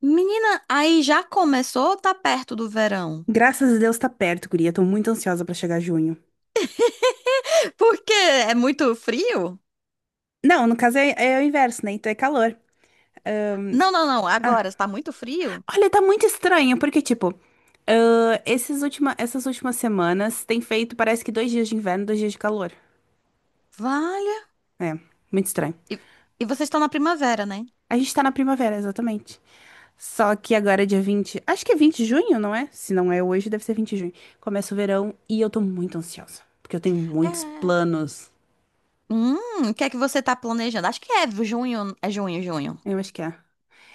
Menina, aí já começou ou tá perto do verão? Graças a Deus tá perto, guria. Tô muito ansiosa pra chegar junho. Porque é muito frio? Não, no caso é o inverso, né? Então é calor. Ahn, Não, não, não. ah. Agora está muito frio? Olha, tá muito estranho, porque, tipo, essas últimas semanas tem feito, parece que 2 dias de inverno, 2 dias de calor. Valha. É, muito estranho. E, e vocês estão na primavera, né? A gente tá na primavera, exatamente. Só que agora é dia 20. Acho que é 20 de junho, não é? Se não é hoje, deve ser 20 de junho. Começa o verão e eu tô muito ansiosa, porque eu tenho muitos É. planos. O que é que você tá planejando? Acho que é junho, junho. Eu acho que é.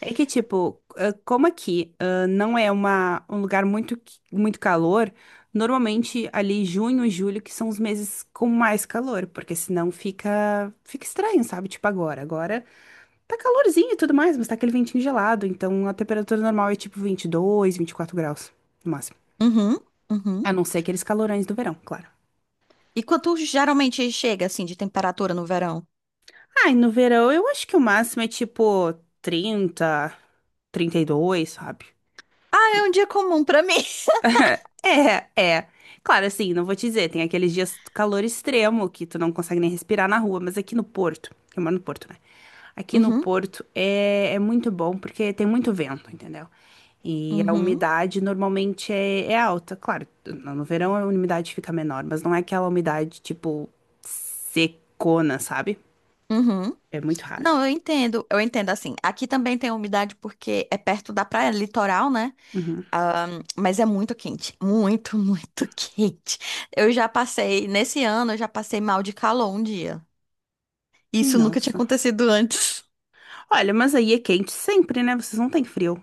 É que, tipo, como aqui, não é um lugar muito, muito calor, normalmente ali junho e julho que são os meses com mais calor, porque senão fica estranho, sabe? Tipo agora. Agora tá calorzinho e tudo mais, mas tá aquele ventinho gelado, então a temperatura normal é tipo 20, 22, 24 graus, no máximo. Uhum, uhum. A não ser aqueles calorões do verão, claro. E quanto geralmente chega assim de temperatura no verão? Ai, no verão eu acho que o máximo é tipo 30, 32, sabe? Ah, é um dia comum pra mim. É, é. Claro, assim, não vou te dizer, tem aqueles dias de calor extremo que tu não consegue nem respirar na rua, mas aqui no Porto, eu moro no Porto, né? Aqui no Uhum, Porto é muito bom porque tem muito vento, entendeu? E a uhum, umidade normalmente é alta. Claro, no verão a umidade fica menor, mas não é aquela umidade tipo secona, sabe? uhum. É muito raro. Não, eu entendo assim. Aqui também tem umidade porque é perto da praia, litoral, né? Uhum. Mas é muito quente, muito, muito quente. Eu já passei, nesse ano, eu já passei mal de calor um dia. Isso nunca tinha Nossa. acontecido antes. Olha, mas aí é quente sempre, né? Vocês não têm frio.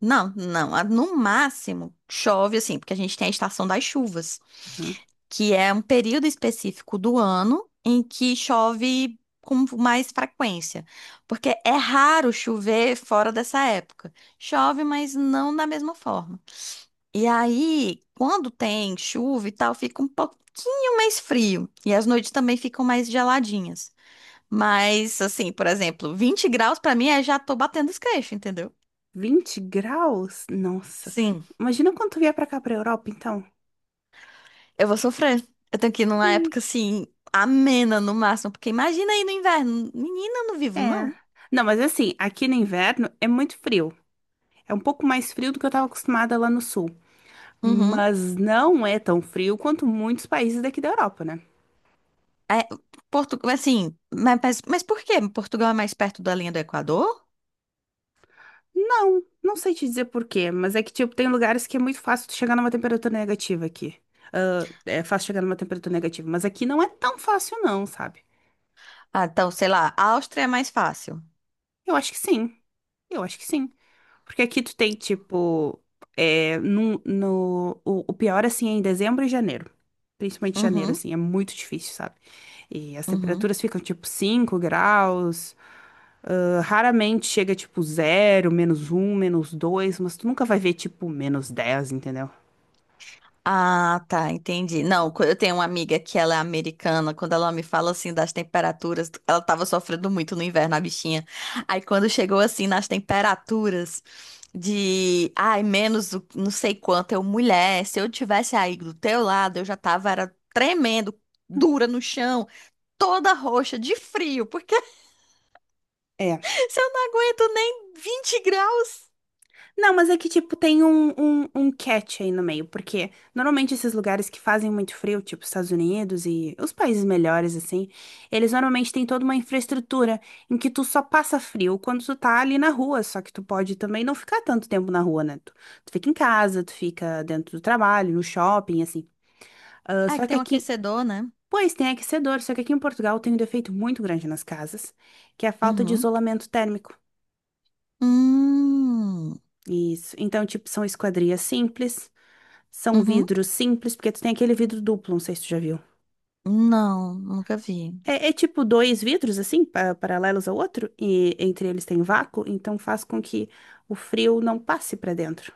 Não, não. No máximo, chove assim, porque a gente tem a estação das chuvas, Uhum. que é um período específico do ano em que chove com mais frequência. Porque é raro chover fora dessa época. Chove, mas não da mesma forma. E aí, quando tem chuva e tal, fica um pouquinho mais frio. E as noites também ficam mais geladinhas. Mas, assim, por exemplo, 20 graus pra mim é já tô batendo os queixos, entendeu? 20 graus? Nossa. Sim, Imagina quando tu vier pra cá, pra Europa, então. eu vou sofrer. Eu tenho que ir numa Ih, época assim, amena no máximo, porque imagina aí no inverno. Menina, eu não vivo, é. não. Não, mas assim, aqui no inverno é muito frio. É um pouco mais frio do que eu tava acostumada lá no sul. Uhum. Mas não é tão frio quanto muitos países daqui da Europa, né? É, Portugal, assim, mas por quê? Portugal é mais perto da linha do Equador? Não, não sei te dizer por quê, mas é que, tipo, tem lugares que é muito fácil tu chegar numa temperatura negativa aqui. Ah, é fácil chegar numa temperatura negativa, mas aqui não é tão fácil, não, sabe? Ah, então, sei lá, a Áustria é mais fácil. Eu acho que sim. Eu acho que sim. Porque aqui tu tem, tipo, é, no, o pior, assim, é em dezembro e janeiro. Principalmente janeiro, Uhum, assim, é muito difícil, sabe? E as uhum. temperaturas ficam, tipo, 5 graus. Ah, raramente chega, tipo, 0, -1, -2, mas tu nunca vai ver, tipo, -10, entendeu? Ah, tá, entendi. Não, eu tenho uma amiga que ela é americana. Quando ela me fala assim das temperaturas, ela tava sofrendo muito no inverno, a bichinha. Aí quando chegou assim nas temperaturas de, ai, não sei quanto, eu, mulher, se eu tivesse aí do teu lado, eu já tava era tremendo, dura no chão, toda roxa de frio, porque É. se eu não aguento nem 20 graus. Não, mas é que, tipo, tem um catch aí no meio, porque normalmente esses lugares que fazem muito frio, tipo Estados Unidos e os países melhores, assim, eles normalmente têm toda uma infraestrutura em que tu só passa frio quando tu tá ali na rua, só que tu pode também não ficar tanto tempo na rua, né? Tu fica em casa, tu fica dentro do trabalho, no shopping, assim. Ah, Ah, que só que tem um aqui. aquecedor, né? Pois, tem aquecedor, só que aqui em Portugal tem um defeito muito grande nas casas, que é a falta de Uhum. isolamento térmico. Hum. Isso. Então, tipo, são esquadrias simples. São Uhum. vidros simples, porque tu tem aquele vidro duplo, não sei se tu já viu. Não, nunca vi. É tipo dois vidros, assim, paralelos ao outro, e entre eles tem vácuo, então faz com que o frio não passe pra dentro.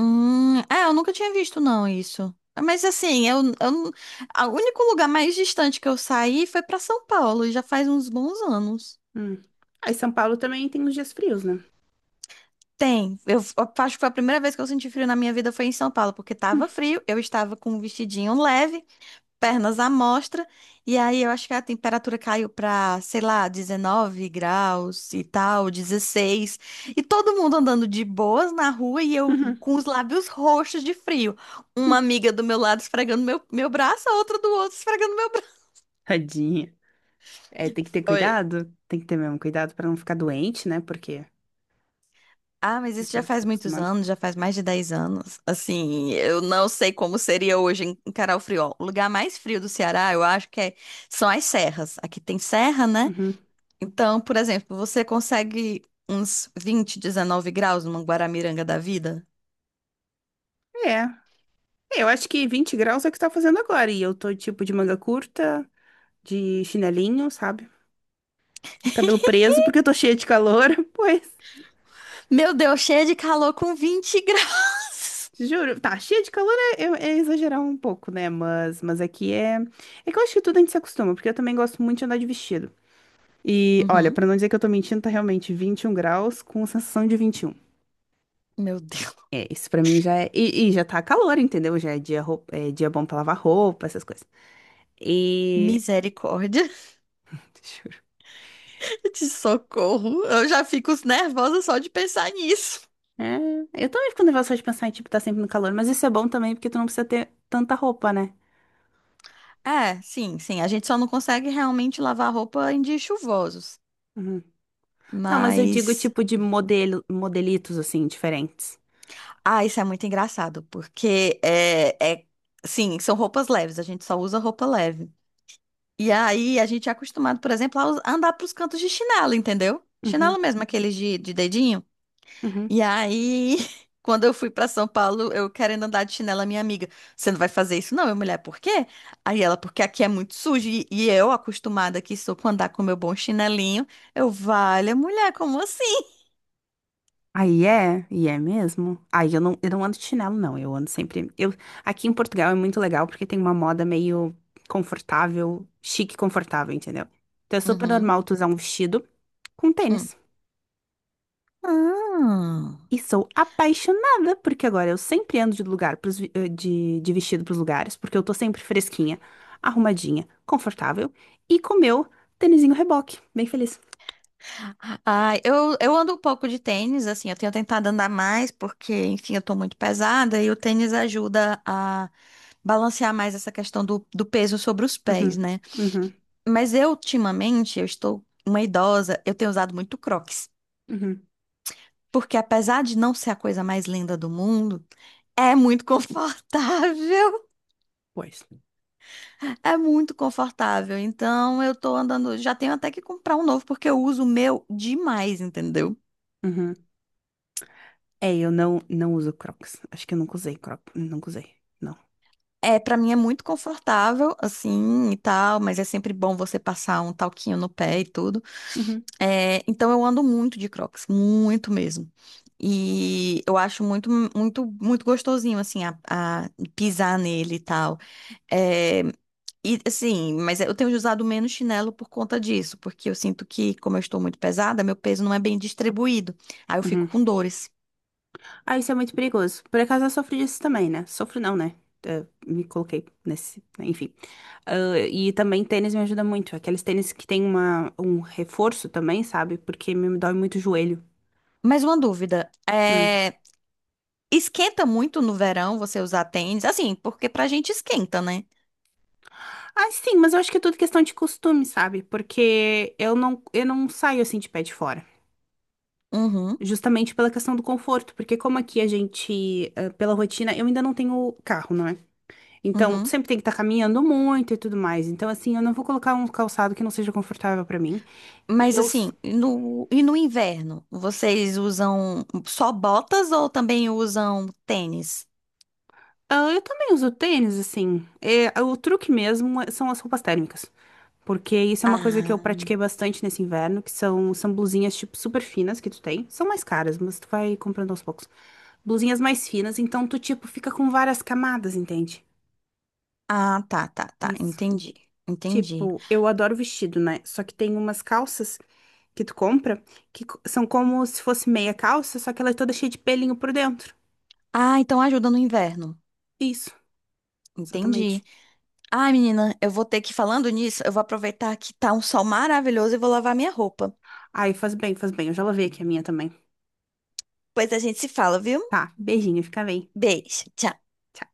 É, eu nunca tinha visto não isso. Mas assim, eu, não- a- O único lugar mais distante que eu saí foi pra São Paulo, e já faz uns bons anos. Hum. Aí São Paulo também tem os dias frios, né? Tem, eu acho que foi a primeira vez que eu senti frio na minha vida foi em São Paulo, porque tava frio, eu estava com um vestidinho leve, pernas à mostra. E aí eu acho que a temperatura caiu para, sei lá, 19 graus e tal, 16 E todo mundo andando de boas na rua e eu com os lábios roxos de frio. Uma amiga do meu lado esfregando meu braço, a outra do outro esfregando meu braço. Tadinha. É, tem que ter Foi. cuidado, tem que ter mesmo cuidado pra não ficar doente, né? Porque Ah, mas o isso já corpo fica faz muitos acostumado. anos, já faz mais de 10 anos. Assim, eu não sei como seria hoje em encarar o... Ó, o lugar mais frio do Ceará, eu acho que é, são as serras. Aqui tem serra, né? Uhum. Então, por exemplo, você consegue uns 20, 19 graus numa Guaramiranga da vida? É. Eu acho que 20 graus é o que tá fazendo agora, e eu tô tipo de manga curta, de chinelinho, sabe? Cabelo preso, porque eu tô cheia de calor, pois, Meu Deus, cheia de calor com 20 graus. juro. Tá, cheia de calor é exagerar um pouco, né? Mas aqui é. É que eu acho que tudo a gente se acostuma, porque eu também gosto muito de andar de vestido. E olha, Uhum. pra não dizer que eu tô mentindo, tá realmente 21 graus com sensação de 21. Meu Deus. É, isso pra mim já é. E já tá calor, entendeu? Já é dia bom pra lavar roupa, essas coisas. E. Misericórdia Juro. de socorro. Eu já fico nervosa só de pensar nisso. É, eu também fico nervosa só de pensar em, tipo, tá sempre no calor, mas isso é bom também, porque tu não precisa ter tanta roupa, né? É, sim, sim. A gente só não consegue realmente lavar roupa em dias chuvosos. Uhum. Não, mas eu digo Mas... tipo de modelo, modelitos assim, diferentes. Ah, isso é muito engraçado, porque é. Sim, são roupas leves. A gente só usa roupa leve. E aí a gente é acostumado, por exemplo, a andar pros cantos de chinelo, entendeu? Uhum, Chinelo mesmo, aqueles de dedinho. uhum. E aí, quando eu fui pra São Paulo, eu querendo andar de chinelo, a minha amiga, você não vai fazer isso não, minha mulher, por quê? Aí ela, porque aqui é muito sujo. E eu, acostumada que sou com andar com meu bom chinelinho, eu, vale, mulher, como assim? Aí é, e é mesmo. Aí eu não ando de chinelo, não. Eu ando sempre. Aqui em Portugal é muito legal porque tem uma moda meio confortável, chique e confortável, entendeu? Então é super Uhum. normal tu usar um vestido com Hum. tênis. Ah. E sou apaixonada, porque agora eu sempre ando de lugar pros, vi- eh, de vestido pros lugares, porque eu tô sempre fresquinha, arrumadinha, confortável e com meu tênisinho reboque, bem feliz. Ah, eu ando um pouco de tênis, assim, eu tenho tentado andar mais, porque, enfim, eu tô muito pesada e o tênis ajuda a balancear mais essa questão do peso sobre os pés, Uhum, né? uhum. Mas eu, ultimamente, eu estou uma idosa, eu tenho usado muito Crocs, Uhum. porque apesar de não ser a coisa mais linda do mundo, é muito confortável, Pois. é muito confortável. Então, eu tô andando, já tenho até que comprar um novo, porque eu uso o meu demais, entendeu? Uhum. É, eu não uso Crocs. Acho que eu nunca usei Crocs. Nunca usei. Não. É, para mim é muito confortável, assim, e tal, mas é sempre bom você passar um talquinho no pé e tudo. Uhum. É, então eu ando muito de Crocs, muito mesmo. E eu acho muito, muito, muito gostosinho, assim, a pisar nele e tal. É, e assim, mas eu tenho usado menos chinelo por conta disso, porque eu sinto que, como eu estou muito pesada, meu peso não é bem distribuído. Aí eu Uhum. fico com dores. Ah, isso é muito perigoso. Por acaso eu sofro disso também, né? Sofro não, né? Me coloquei nesse, né. Enfim. Ah, e também tênis me ajuda muito. Aqueles tênis que tem um reforço também, sabe? Porque me dói muito o joelho. Mais uma dúvida, Hum. é, esquenta muito no verão você usar tênis, assim, porque pra gente esquenta, né? Ah, sim, mas eu acho que é tudo questão de costume, sabe? Porque eu não saio assim de pé de fora. Uhum, Justamente pela questão do conforto, porque como aqui a gente, pela rotina, eu ainda não tenho carro, não é? Então, tu uhum. sempre tem que estar caminhando muito e tudo mais. Então, assim, eu não vou colocar um calçado que não seja confortável pra mim. E Mas eu, s- assim, e no inverno, vocês usam só botas ou também usam tênis? ah, eu também uso tênis, assim. É, o truque mesmo são as roupas térmicas. Porque isso é uma coisa que eu Ah, pratiquei bastante nesse inverno, que são blusinhas, tipo, super finas que tu tem. São mais caras, mas tu vai comprando aos poucos. Blusinhas mais finas, então tu, tipo, fica com várias camadas, entende? ah, tá, tá, tá. Isso. Entendi, entendi. Tipo, eu adoro vestido, né? Só que tem umas calças que tu compra que são como se fosse meia calça, só que ela é toda cheia de pelinho por dentro. Ah, então ajuda no inverno. Isso, Entendi. exatamente. Ah, menina, eu vou ter que, falando nisso, eu vou aproveitar que tá um sol maravilhoso e vou lavar minha roupa. Ai, faz bem, faz bem. Eu já lavei aqui a minha também. Pois a gente se fala, viu? Tá, beijinho, fica bem. Beijo, tchau. Tchau.